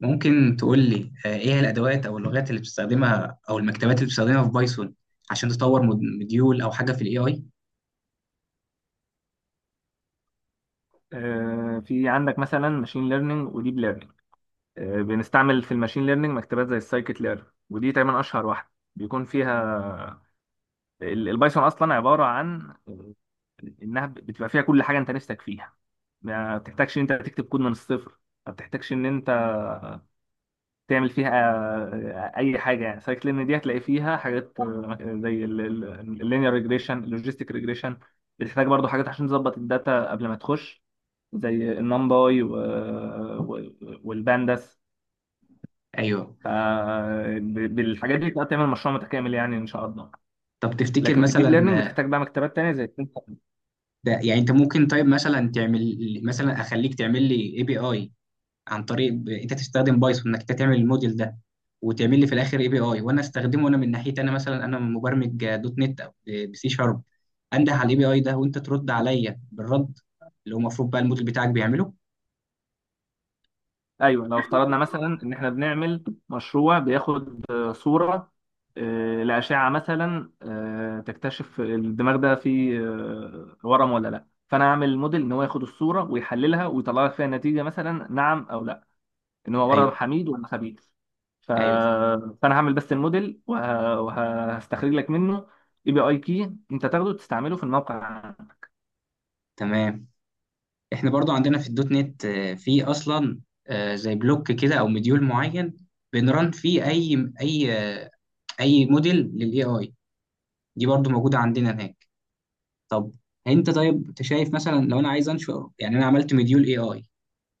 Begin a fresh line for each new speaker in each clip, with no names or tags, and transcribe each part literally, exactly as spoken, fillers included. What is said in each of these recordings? ممكن تقول لي آه، ايه هي الادوات او اللغات اللي بتستخدمها او المكتبات اللي بتستخدمها في بايثون عشان تطور مود- مديول او حاجه في الاي اي.
آه، في عندك مثلا ماشين ليرنينج وديب ليرنينج. بنستعمل في الماشين ليرنينج مكتبات زي السايكيت ليرن، ودي تقريبا اشهر واحده بيكون فيها ال- البايثون اصلا عباره عن آه، انها بتبقى فيها كل حاجه انت نفسك فيها. ما بتحتاجش ان انت تكتب كود من الصفر، ما بتحتاجش ان انت تعمل فيها آه، اي حاجه، يعني سايكل ليرن دي هتلاقي فيها حاجات آه، زي اللينير ريجريشن اللوجيستيك ريجريشن. بتحتاج برضو حاجات عشان تظبط الداتا قبل ما تخش، زي النمباي و... و... والبانداس.
ايوه.
ف- ب- بالحاجات دي تقدر تعمل مشروع متكامل يعني ان شاء الله.
طب تفتكر
لكن في الديب ليرنينج
مثلا آه،
بتحتاج بقى مكتبات تانية زي التنس-
ده يعني انت ممكن، طيب، مثلا تعمل، مثلا اخليك تعمل لي اي بي اي عن طريق ب- انت تستخدم بايثون، انك انت تعمل الموديل ده وتعمل لي في الاخر اي بي اي، وانا استخدمه انا من ناحيتي. انا مثلا انا مبرمج آه، دوت نت او بسي شارب، انده على الاي بي اي ده وانت ترد عليا بالرد اللي هو المفروض بقى الموديل بتاعك بيعمله.
ايوه، لو افترضنا مثلا ان احنا بنعمل مشروع بياخد آه، صورة آه، لأشعة مثلا، آه، تكتشف الدماغ ده فيه آه، ورم ولا لا، فانا اعمل موديل ان هو ياخد الصورة ويحللها ويطلع لك فيها نتيجة، مثلا نعم او لا، ان هو عباره عن
ايوه،
حميد ولا خبيث. ف...
ايوه،
فانا هعمل بس الموديل وه... وهستخرج لك منه اي بي اي كي انت تاخده تستعمله في الموقع.
تمام. احنا برضو عندنا في الدوت نت آه، في اصلا آه، زي بلوك كده او مديول معين بنرن فيه اي اي، آه، اي موديل للاي اي، دي برضو موجوده عندنا هناك. طب انت، طيب انت شايف مثلا لو انا عايز انشر، يعني انا عملت مديول اي اي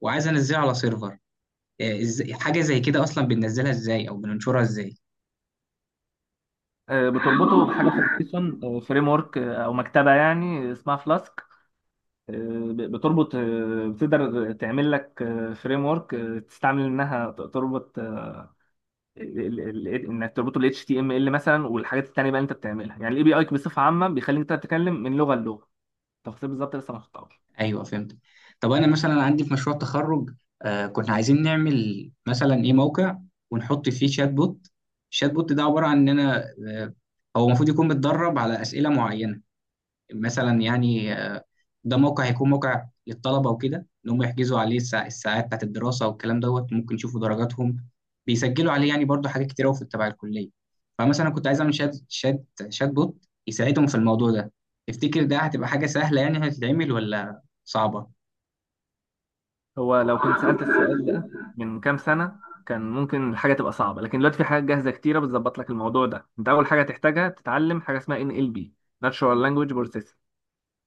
وعايز انزله على سيرفر، آه، إز- حاجه زي كده اصلا بننزلها ازاي او بننشرها ازاي؟
آه، بتربطه بحاجه في البايثون فريم ورك او مكتبه يعني اسمها فلاسك، بتربط آه، بتقدر تعمل لك فريم ورك تستعمل انها ت- تربط آه، ال- ال- ال- انك تربطه ال H T M L مثلا والحاجات التانيه بقى اللي انت بتعملها، يعني الاي بي اي بصفه عامه بيخليك انت تتكلم من لغه للغه. تفاصيل بالظبط لسه ما خدتهاش.
ايوه فهمت. طب انا مثلا عندي في مشروع التخرج، آه كنا عايزين نعمل مثلا ايه موقع ونحط فيه شات بوت. الشات بوت ده عباره عن ان انا آه هو المفروض يكون متدرب على اسئله معينه، مثلا يعني آه، ده موقع، هيكون موقع للطلبة وكده، إن هم يحجزوا عليه الساع- الساعات بتاعت الدراسة والكلام دوت، ممكن يشوفوا درجاتهم، بيسجلوا عليه، يعني برضو حاجات كتير أوي في تبع الكلية. فمثلا كنت عايز أعمل شات شات شات بوت يساعدهم في الموضوع ده. تفتكر ده هتبقى حاجة سهلة يعني هتتعمل ولا صعبة؟
هو لو كنت سألت السؤال ده من كام سنة كان ممكن الحاجة تبقى صعبة، لكن دلوقتي في حاجات جاهزة كتيرة بتظبط لك الموضوع ده. انت أول حاجة تحتاجها تتعلم حاجة اسمها إن إل بي، Natural Language Processing.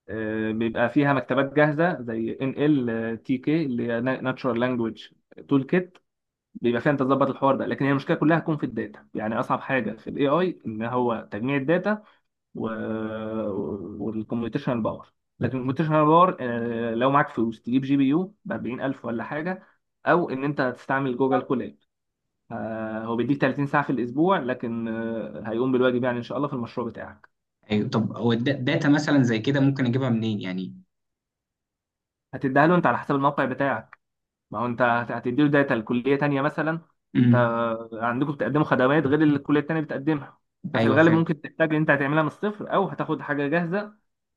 آه، بيبقى فيها مكتبات جاهزة زي إن إل تي كي، اللي هي Na- Natural Language Toolkit، بيبقى فيها انت تظبط الحوار ده. لكن هي المشكلة كلها تكون في الداتا، يعني أصعب حاجة في ال A I إن هو تجميع الداتا و... والكمبيوتيشنال باور. لكن الكمبيوتيشنال باور آه، لو معاك فلوس تجيب جي بي يو ب أربعين ألف ولا حاجه، او ان انت تستعمل جوجل كولاب. آه، هو بيديك ثلاثين ساعه في الاسبوع، لكن آه، هيقوم بالواجب يعني ان شاء الله في المشروع بتاعك.
أيوه. طب هو الدا- داتا مثلا زي كده ممكن أجيبها منين يعني؟
هتديها له انت على حسب الموقع بتاعك، ما هو انت هت- هتديله داتا لكليه تانيه مثلا. انت
امم.
عندكم بتقدموا خدمات غير اللي الكليه التانيه بتقدمها، ففي
أيوه
الغالب
فهمت.
ممكن تحتاج ان انت هتعملها من الصفر او هتاخد حاجه جاهزه،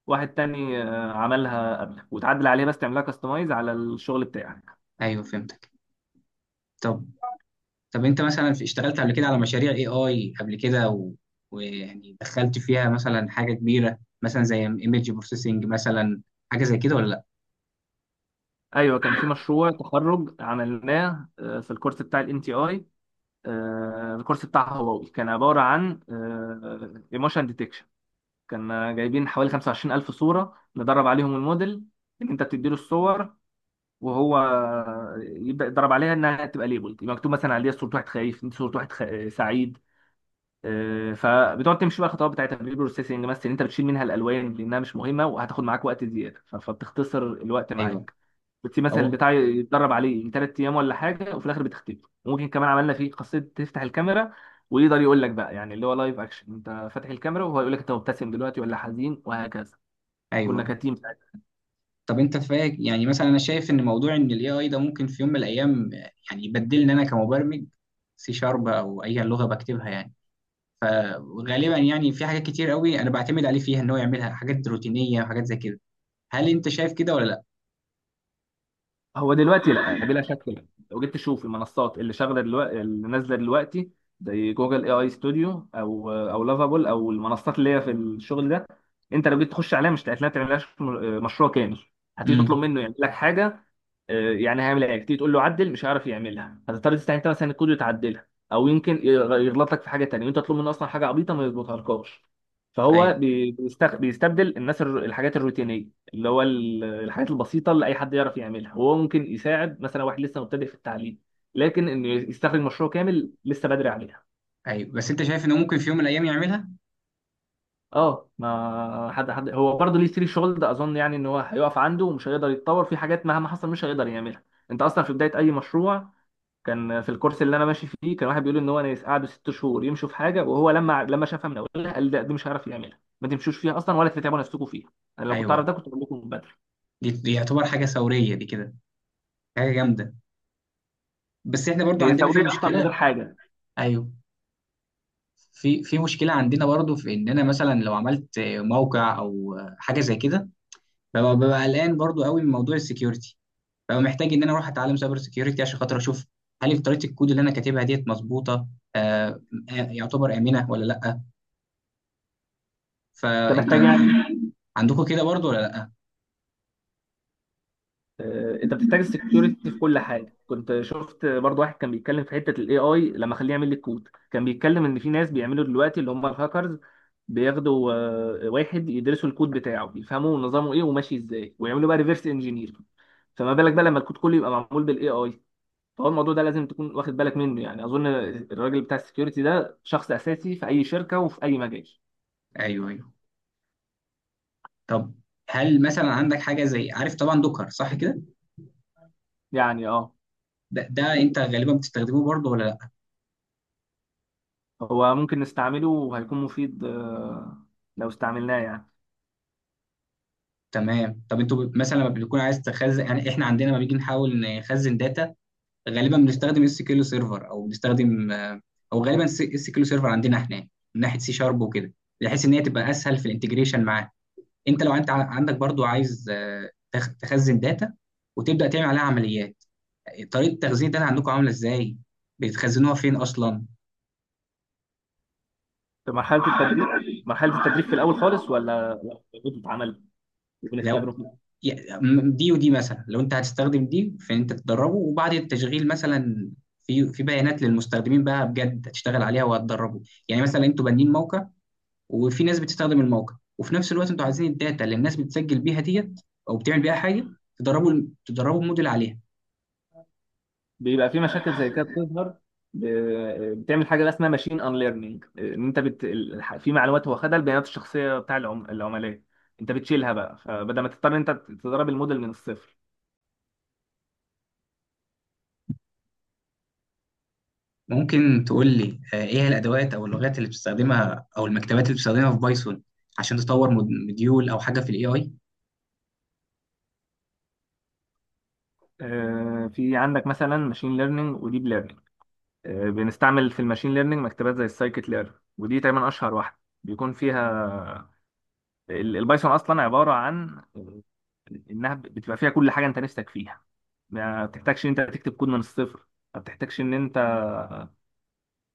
واحد تاني آه، عملها قبلك، وتعدل عليها بس تعملها كاستمايز على الشغل بتاعك.
أيوه فهمتك. طب، طب انت مثلا في- اشتغلت قبل كده على مشاريع اي اي قبل كده و... ويعني دخلت فيها مثلا حاجه كبيره مثلا زي ايمج بروسيسنج مثلا، حاجه زي كده ولا لا؟
ايوه كان في مشروع تخرج عملناه آه، في الكورس بتاع الان تي اي، الكورس بتاع هواوي، كان عباره عن ايموشن ديتكشن. كان جايبين حوالي خمسة وعشرين ألف صوره ندرب عليهم الموديل، ان انت بتديله الصور وهو يبدا يضرب عليها انها تبقى ليبل، يبقى مكتوب مثلا عليها صوره واحد خايف، صوره واحد خ... سعيد. آه، فبتقعد تمشي بقى الخطوات بتاعتها بالبيبر بروسيسنج، مثلا إن انت بتشيل منها الالوان لانها مش مهمه وهتاخد معاك وقت زياده، ف- فبتختصر الوقت
ايوه.
معاك. بتسيب مثلا
او
البتاع يتدرب عليه ثلاث ايام ولا حاجه وفي الاخر بتختفي. وممكن كمان عملنا فيه خاصيه تفتح الكاميرا، ويقدر يقول لك بقى يعني اللي هو لايف اكشن، انت فاتح الكاميرا وهو يقول لك انت مبتسم دلوقتي ولا حزين وهكذا. كنا
ايوه.
كتيم.
طب انت فاك، يعني مثلا انا شايف ان موضوع ان الاي اي ده ممكن في يوم من الايام يعني يبدلني، انا كمبرمج سي شارب او اي لغه بكتبها يعني، فغالبا يعني في حاجات كتير قوي انا بعتمد عليه فيها ان هو يعملها، حاجات روتينيه وحاجات زي كده. هل انت شايف كده ولا لا؟
هو دلوقتي لا بلا شك لا. لو جيت تشوف المنصات اللي شغاله دلوقتي اللي نازله دلوقتي، زي جوجل اي اي ستوديو او او لافابول او المنصات اللي هي في الشغل ده، انت لو جيت تخش عليها مش هتلاقي تعملهاش م- مشروع كامل. هتيجي تطلب
امم.
منه يعمل لك حاجه، آه، يعني هيعمل ايه، تيجي تقول له عدل مش هيعرف يعملها، هتضطر تستعين انت مثلا الكود وتعدلها، او يمكن يغ- يغلط لك في حاجه تانيه وانت تطلب منه اصلا حاجه عبيطه ما يظبطهالكاش. فهو
ايوه،
بي- بيستخ- بيستبدل الناس الر- الحاجات الروتينيه، اللي هو ال- الحاجات البسيطه اللي اي حد يعرف يعملها، وهو ممكن يساعد مثلا واحد لسه مبتدئ في التعليم، لكن انه يستخرج مشروع كامل لسه بدري عليها.
ايوه، بس انت شايف انه ممكن في يوم من الايام يعملها.
اه ما حد، حد هو برضه ليه سري شغل ده اظن، يعني ان هو هيقف عنده ومش هيقدر يتطور في حاجات، مهما حصل مش هيقدر يعملها. انت اصلا في بدايه اي مشروع، كان في الكورس اللي انا ماشي فيه كان واحد بيقول ان هو ناس قعدوا ست شهور يمشوا في حاجه، وهو لما لما شافها من اولها قال لا دي مش هيعرف يعملها، ما تمشوش فيها اصلا ولا تتعبوا نفسكم فيها، انا لو كنت اعرف
ايوه.
ده كنت اقول لكم من بدري.
دي دي يعتبر حاجه ثوريه دي كده، حاجه جامده، بس احنا برضو
هي
عندنا في
ثوريه اصلا من غير
مشكله.
حاجه.
ايوه. في في مشكله عندنا برضو في ان انا مثلا لو عملت موقع او حاجه زي كده، ببقى ببقى قلقان برضو قوي من موضوع السكيورتي. ببقى محتاج ان انا اروح اتعلم سايبر سكيورتي عشان خاطر اشوف هل طريقه الكود اللي انا كاتبها ديت مظبوطه، آه آه، يعتبر امنه ولا لا.
انت
فانت
محتاج يعني
عندكم كده برضو ولا لا؟
آه، انت بتحتاج السكيورتي في كل حاجه. كنت شفت برضو واحد كان بيتكلم في حته الاي اي، لما خليه يعمل لي كود كان بيتكلم ان في ناس بيعملوا دلوقتي اللي هم الهاكرز، بياخدوا آه، واحد يدرسوا الكود بتاعه يفهموا نظامه ايه وماشي ازاي، ويعملوا بقى ريفرس انجينير، فما بالك بقى لما الكود كله يبقى معمول بالاي اي. فهو الموضوع ده لازم تكون واخد بالك منه، يعني اظن الراجل بتاع السكيورتي ده شخص اساسي في اي شركه وفي اي مجال.
ايوه، ايوه. طب هل مثلا عندك حاجه زي، عارف طبعا دوكر صح كده؟
يعني اه
ده, ده انت غالبا بتستخدمه برضو ولا لا؟
هو ممكن نستعمله وهيكون مفيد آه، لو استعملناه يعني.
تمام. طب انتوا ب- مثلا لما بيكون عايز تخزن، يعني احنا عندنا لما بيجي نحاول نخزن داتا، غالبا بنستخدم اس كيلو سيرفر او بنستخدم آه، او غالبا اس كيلو سيرفر عندنا، احنا من ناحيه سي شارب وكده، بحيث ان هي تبقى اسهل في الانتجريشن معاه. انت لو انت ع- عندك برضو عايز آه، تخ- تخزن داتا وتبدا تعمل عليها عمليات، طريقه تخزين الداتا عندكم عامله ازاي؟ بتخزنوها فين اصلا؟
في مرحلة التدريب، مرحلة التدريب في الأول خالص ولا لو بتتعمل
لو
وبنختبره
يا- م- دي ودي مثلا لو انت هتستخدم دي في ان انت تدربه وبعد التشغيل مثلا، في في بيانات للمستخدمين بقى بجد هتشتغل عليها وهتدربه، يعني مثلا انتوا بانين موقع وفي ناس بتستخدم الموقع وفي نفس الوقت انتوا عايزين الداتا اللي الناس بتسجل بيها ديت او بتعمل بيها حاجه، تدربوا تدربوا الموديل عليها.
بيبقى في مشاكل زي كده بتظهر. ب- بتعمل حاجة بقى اسمها ماشين ان ليرنينج، ان انت بت... ال- في معلومات هو خدها البيانات الشخصية بتاع العم... العملاء، انت بتشيلها بقى، فبدل ما تضطر انت تدرب الموديل من الصفر.
ممكن تقول لي آه، ايه هي الادوات او اللغات اللي بتستخدمها او المكتبات اللي بتستخدمها في بايثون عشان تطور مود- مديول او حاجه في الاي اي.
آه، في عندك مثلا ماشين ليرنينج وديب ليرنينج. بنستعمل في الماشين ليرنينج مكتبات زي السايكت ليرن، ودي تقريبا اشهر واحدة بيكون فيها ال- البايثون اصلا عباره عن انها بتبقى فيها كل حاجه انت نفسك فيها. ما بتحتاجش ان انت تكتب كود من الصفر، ما بتحتاجش ان انت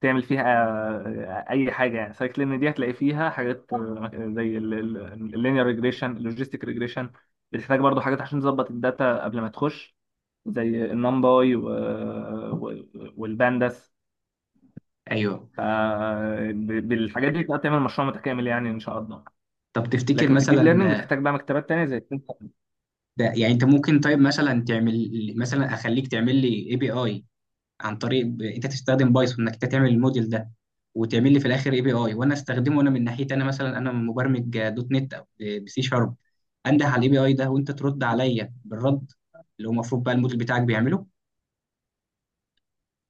تعمل فيها آه، اي حاجه، يعني سايكل ليرن دي هتلاقي فيها حاجات آه، زي اللينير ريجريشن اللوجيستيك ريجريشن. بتحتاج برضو حاجات عشان تظبط الداتا قبل ما تخش، زي النمباي والبانداس.
ايوه.
ف- ب- بالحاجات دي تقدر تعمل مشروع متكامل يعني ان شاء الله.
طب تفتكر
لكن في الديب
مثلا،
ليرنينج بتحتاج بقى مكتبات تانية زي
ده يعني انت ممكن، طيب، مثلا تعمل، مثلا اخليك تعمل لي اي بي اي عن طريق ب- انت تستخدم بايثون، انك انت تعمل الموديل ده وتعمل لي في الاخر اي بي اي، وانا استخدمه انا من ناحيتي. انا مثلا انا مبرمج دوت نت او بسي شارب، انده على الاي بي اي ده وانت ترد عليا بالرد اللي هو المفروض بقى الموديل بتاعك بيعمله.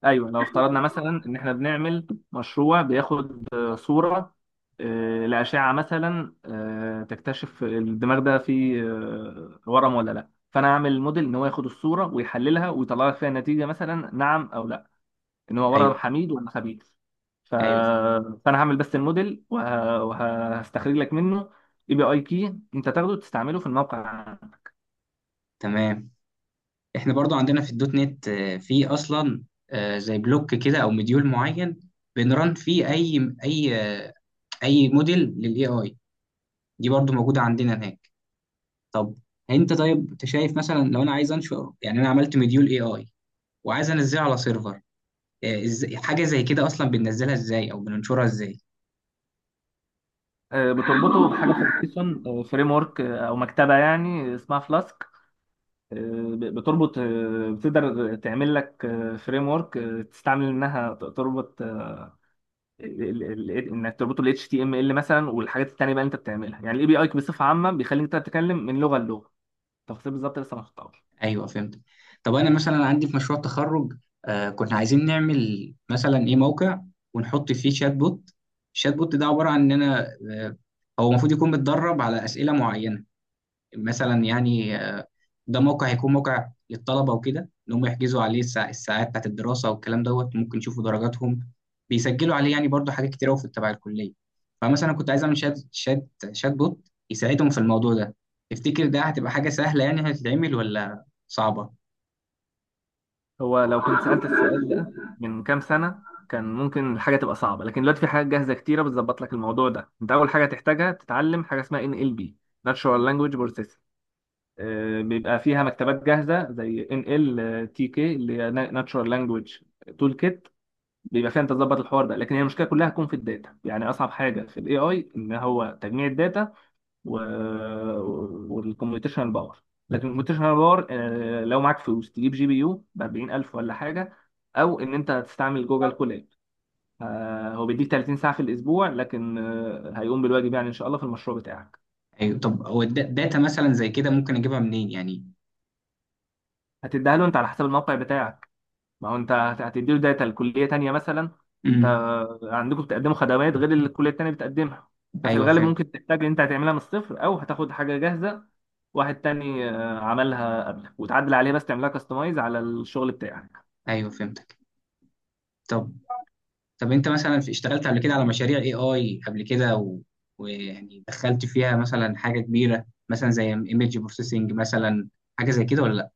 ايوه، لو افترضنا مثلا ان احنا بنعمل مشروع بياخد آه، صوره آه، لاشعه مثلا، آه، تكتشف الدماغ ده فيه آه، ورم ولا لا، فانا اعمل موديل ان هو ياخد الصوره ويحللها ويطلع لك فيها نتيجه، مثلا نعم او لا، ان هو ورم
ايوه،
حميد ولا خبيث. ف...
ايوه، فاهم.
فانا هعمل بس الموديل وه... وهستخرج لك منه اي بي اي كي انت تاخده تستعمله في الموقع.
تمام. احنا برضو عندنا في الدوت نت آه، في اصلا آه، زي بلوك كده او مديول معين بنرن فيه اي اي، آه، اي موديل للاي اي، دي برضو موجوده عندنا هناك. طب انت، طيب انت شايف مثلا لو انا عايز انشر، يعني انا عملت مديول اي اي وعايز انزله على سيرفر، آه، ازاي حاجه زي كده اصلا بننزلها ازاي او بننشرها ازاي؟
آه، بتربطه بحاجه في البايثون فريم ورك او framework، آه، أو مكتبه يعني اسمها فلاسك. ب- بتربط آه، بتقدر تعمل لك فريم ورك تستعمل انها ت- تربط آه، ال- ال- ال- انك تربطه ال H T M L مثلا والحاجات التانية بقى اللي انت بتعملها، يعني الاي بي اي بصفة عامة بيخليك انت تتكلم من لغة للغة. تفاصيل بالظبط لسه ما خطأش.
ايوه فهمت. طب انا مثلا عندي في مشروع التخرج، آه كنا عايزين نعمل مثلا ايه موقع ونحط فيه شات بوت. الشات بوت ده عباره عن ان انا آه هو المفروض يكون متدرب على اسئله معينه، مثلا يعني آه، ده موقع، هيكون موقع للطلبة وكده، إن هم يحجزوا عليه الساع- الساعات بتاعت الدراسة والكلام دوت، ممكن يشوفوا درجاتهم، بيسجلوا عليه، يعني برضو حاجات كتير أوي في تبع الكلية. فمثلا كنت عايز أعمل شات شات شات بوت يساعدهم في الموضوع ده. تفتكر ده هتبقى حاجة سهلة يعني هتتعمل ولا صعبة؟
هو لو كنت سألت السؤال ده من كام سنة كان ممكن الحاجة تبقى صعبة، لكن دلوقتي في حاجات جاهزة كتيرة بتظبط لك الموضوع ده. انت اول حاجة تحتاجها تتعلم حاجة اسمها إن إل بي، Natural Language Processing. آه، بيبقى فيها مكتبات جاهزه زي ان ال تي كي، اللي هي ناتشورال لانجويج تول كيت، بيبقى فيها انت تظبط الحوار ده. لكن هي المشكله كلها هتكون في الداتا، يعني اصعب حاجه في الاي اي ان هو تجميع الداتا و... والكمبيوتيشنال باور. لكن الكمبيوتيشنال باور آه، لو معاك فلوس تجيب جي بي يو ب أربعين ألف ولا حاجه، او ان انت تستعمل جوجل كولاب. آه، هو بيديك ثلاثين ساعه في الاسبوع، لكن آه، هيقوم بالواجب يعني ان شاء الله في المشروع بتاعك.
أيوه. طب هو الدا- داتا مثلا زي كده ممكن أجيبها منين يعني؟
هتديها له انت على حسب الموقع بتاعك، ما هو انت هت- هتديله داتا لكليه تانيه مثلا. انت
امم.
عندكم بتقدموا خدمات غير اللي الكليه التانيه بتقدمها، ففي
أيوه
الغالب
فهمت.
ممكن تحتاج ان انت هتعملها من الصفر او هتاخد حاجه جاهزه، واحد تاني آه، عملها قبلك، وتعدل عليها بس تعملها كاستمايز على الشغل بتاعك.
أيوه فهمتك. طب، طب انت مثلا في- اشتغلت قبل كده على مشاريع اي اي قبل كده و... ويعني دخلت فيها مثلا حاجه كبيره مثلا زي ايمج بروسيسنج مثلا، حاجه زي كده ولا لا؟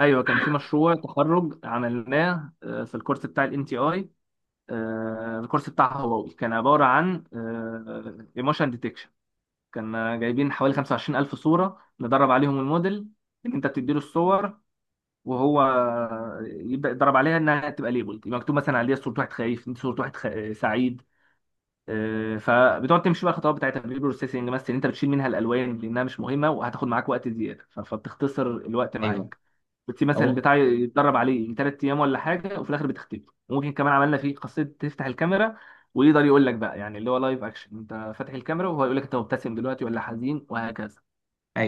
ايوه كان في مشروع تخرج عملناه آه، في الكورس بتاع الان تي اي، الكورس بتاع هواوي، كان عباره عن ايموشن ديتكشن. كان جايبين حوالي خمسة وعشرين ألف صوره ندرب عليهم الموديل، ان انت بتديله الصور وهو يبدا يضرب عليها انها تبقى ليبل، يبقى مكتوب مثلا عليها صوره واحد خايف، صوره واحد خ... سعيد. آه، فبتقعد تمشي بقى الخطوات بتاعتها بالبيبر بروسيسنج، مثلا إن انت بتشيل منها الالوان لانها مش مهمه وهتاخد معاك وقت زياده، ف- فبتختصر الوقت
ايوه.
معاك. بتسيب مثلا
او
البتاع يتدرب عليه ثلاث ايام ولا حاجه وفي الاخر بتختفي. وممكن كمان عملنا فيه خاصيه تفتح الكاميرا، ويقدر يقول لك بقى يعني اللي هو لايف اكشن، انت فاتح الكاميرا وهو يقول لك انت مبتسم دلوقتي ولا حزين وهكذا.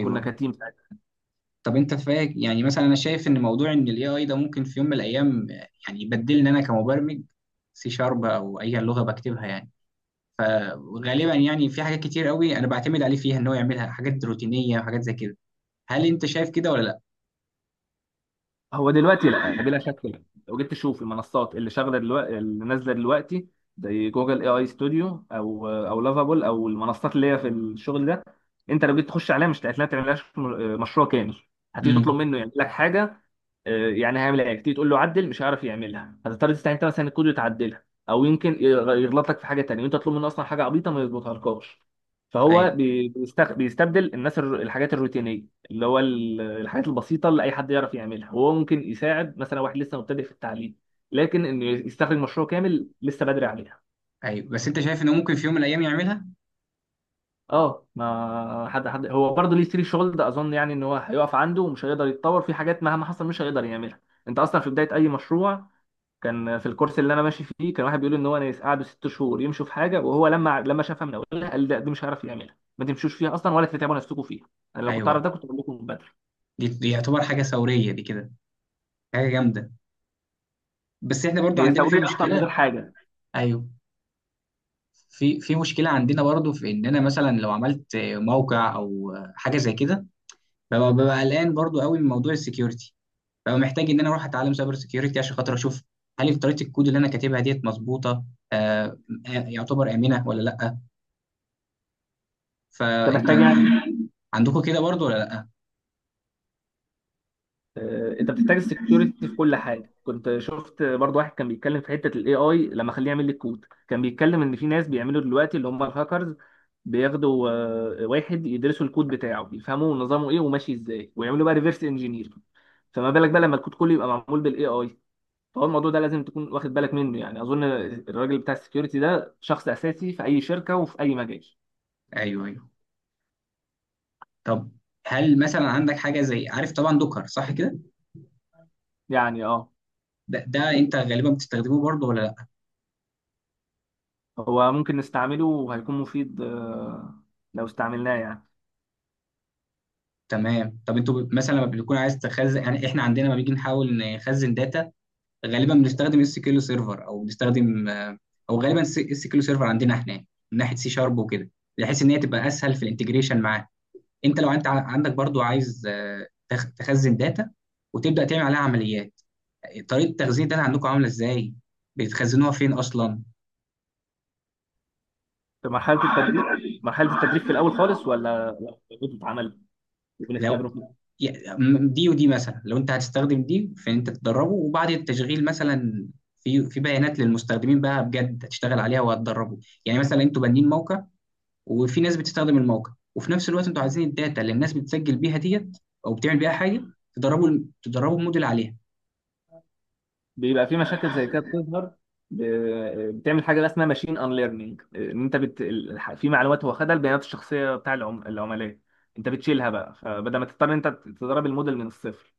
كنا كتيم.
طب انت فاك، يعني مثلا انا شايف ان موضوع ان الاي اي ده ممكن في يوم من الايام يعني يبدلني، انا كمبرمج سي شارب او اي لغه بكتبها يعني، فغالبا يعني في حاجات كتير قوي انا بعتمد عليه فيها ان هو يعملها، حاجات روتينيه وحاجات زي كده. هل انت شايف كده ولا لا؟
هو دلوقتي لا بلا شك لا. لو جيت تشوف المنصات اللي شغاله دلوقتي اللي نازله دلوقتي، زي جوجل اي اي ستوديو او او لافابول او المنصات اللي هي في الشغل ده، انت لو جيت تخش عليها مش هتلاقيها تعملهاش م- مشروع كامل. هتيجي تطلب
امم.
منه يعمل لك حاجه، آه، يعني هيعمل ايه، تيجي تقول له عدل مش هيعرف يعملها، هتضطر تستعين انت مثلا الكود وتعدلها، او يمكن يغ- يغلط لك في حاجه تانيه وانت تطلب منه اصلا حاجه عبيطه ما يظبطهالكاش. فهو
ايوه،
بي- بيست- بيستبدل الناس الر- الحاجات الروتينيه، اللي هو ال- الحاجات البسيطه اللي اي حد يعرف يعملها، وهو ممكن يساعد مثلا واحد لسه مبتدئ في التعليم، لكن انه يستخرج مشروع كامل لسه بدري عليها.
ايوه، بس انت شايف انه ممكن في يوم من الايام يعملها.
اه ما حد، حد هو برضه ليه سري شغل ده اظن، يعني ان هو هيقف عنده ومش هيقدر يتطور في حاجات، مهما حصل مش هيقدر يعملها. انت اصلا في بدايه اي مشروع، كان في الكورس اللي انا ماشي فيه كان واحد بيقول ان هو ناس قعدوا ست شهور يمشوا في حاجه، وهو لما لما شافها من اولها قال لا دي مش هيعرف يعملها، ما تمشوش فيها اصلا ولا تتعبوا نفسكم فيها، انا لو كنت اعرف
ايوه.
ده كنت اقول لكم من بدري.
دي دي يعتبر حاجه ثوريه دي كده، حاجه جامده، بس احنا برضو
هي
عندنا في
ثوريه اصلا من غير
مشكله.
حاجه.
ايوه. في في مشكله عندنا برضو في ان انا مثلا لو عملت موقع او حاجه زي كده، ببقى ببقى قلقان برضو قوي من موضوع السكيورتي. ببقى محتاج ان انا اروح اتعلم سايبر سكيورتي عشان خاطر اشوف هل طريقه الكود اللي انا كاتبها ديت مظبوطه، آه آه، يعتبر امنه ولا لا.
انت
فانت
محتاج يعني
عندكم كده برضو ولا لا؟
آه، انت بتحتاج السكيورتي في كل حاجه. كنت شفت برضو واحد كان بيتكلم في حته الاي اي، لما خليه يعمل لي كود كان بيتكلم ان في ناس بيعملوا دلوقتي اللي هم الهاكرز، بياخدوا آه، واحد يدرسوا الكود بتاعه يفهموا نظامه ايه وماشي ازاي، ويعملوا بقى ريفرس انجينير، فما بالك بقى لما الكود كله يبقى معمول بالاي اي. فهو الموضوع ده لازم تكون واخد بالك منه، يعني اظن الراجل بتاع السكيورتي ده شخص اساسي في اي شركه وفي اي مجال.
ايوه، ايوه. طب هل مثلا عندك حاجه زي، عارف طبعا دوكر صح كده؟
يعني اه
ده, ده انت غالبا بتستخدمه برضو ولا؟
هو ممكن نستعمله وهيكون مفيد آه، لو استعملناه يعني.
تمام. طب انتوا ب- مثلا لما بيكون عايز تخزن، يعني احنا عندنا لما بيجي نحاول نخزن داتا، غالبا بنستخدم اس كيلو سيرفر او بنستخدم آه، او غالبا اس كيلو سيرفر عندنا، احنا من ناحيه سي شارب وكده، بحيث ان هي تبقى اسهل في الانتجريشن معاه. انت لو انت ع- عندك برضو عايز آه، تخ- تخزن داتا وتبدا تعمل عليها عمليات، طريقه تخزين الداتا عندكم عامله ازاي؟ بتخزنوها فين اصلا؟
في مرحلة التدريب، مرحلة التدريب في الأول خالص ولا ولا بتتعمل
لو
وبنختبره
يا- م- دي ودي مثلا لو انت هتستخدم دي في ان انت تدربه وبعد التشغيل مثلا، في في بيانات للمستخدمين بقى بجد هتشتغل عليها وهتدربه، يعني مثلا انتوا بانين موقع وفي ناس بتستخدم الموقع وفي نفس الوقت انتوا عايزين الداتا اللي الناس بتسجل بيها ديت او بتعمل بيها حاجه، تدربوا تدربوا الموديل عليها.
بيبقى في مشاكل زي كده بتظهر. ب- بتعمل حاجة بقى اسمها ماشين ان ليرنينج، ان انت بت... ال- في معلومات هو خدها البيانات الشخصية بتاع العم... العملاء، انت بتشيلها بقى، فبدل ما تضطر إن انت تدرب الموديل من الصفر.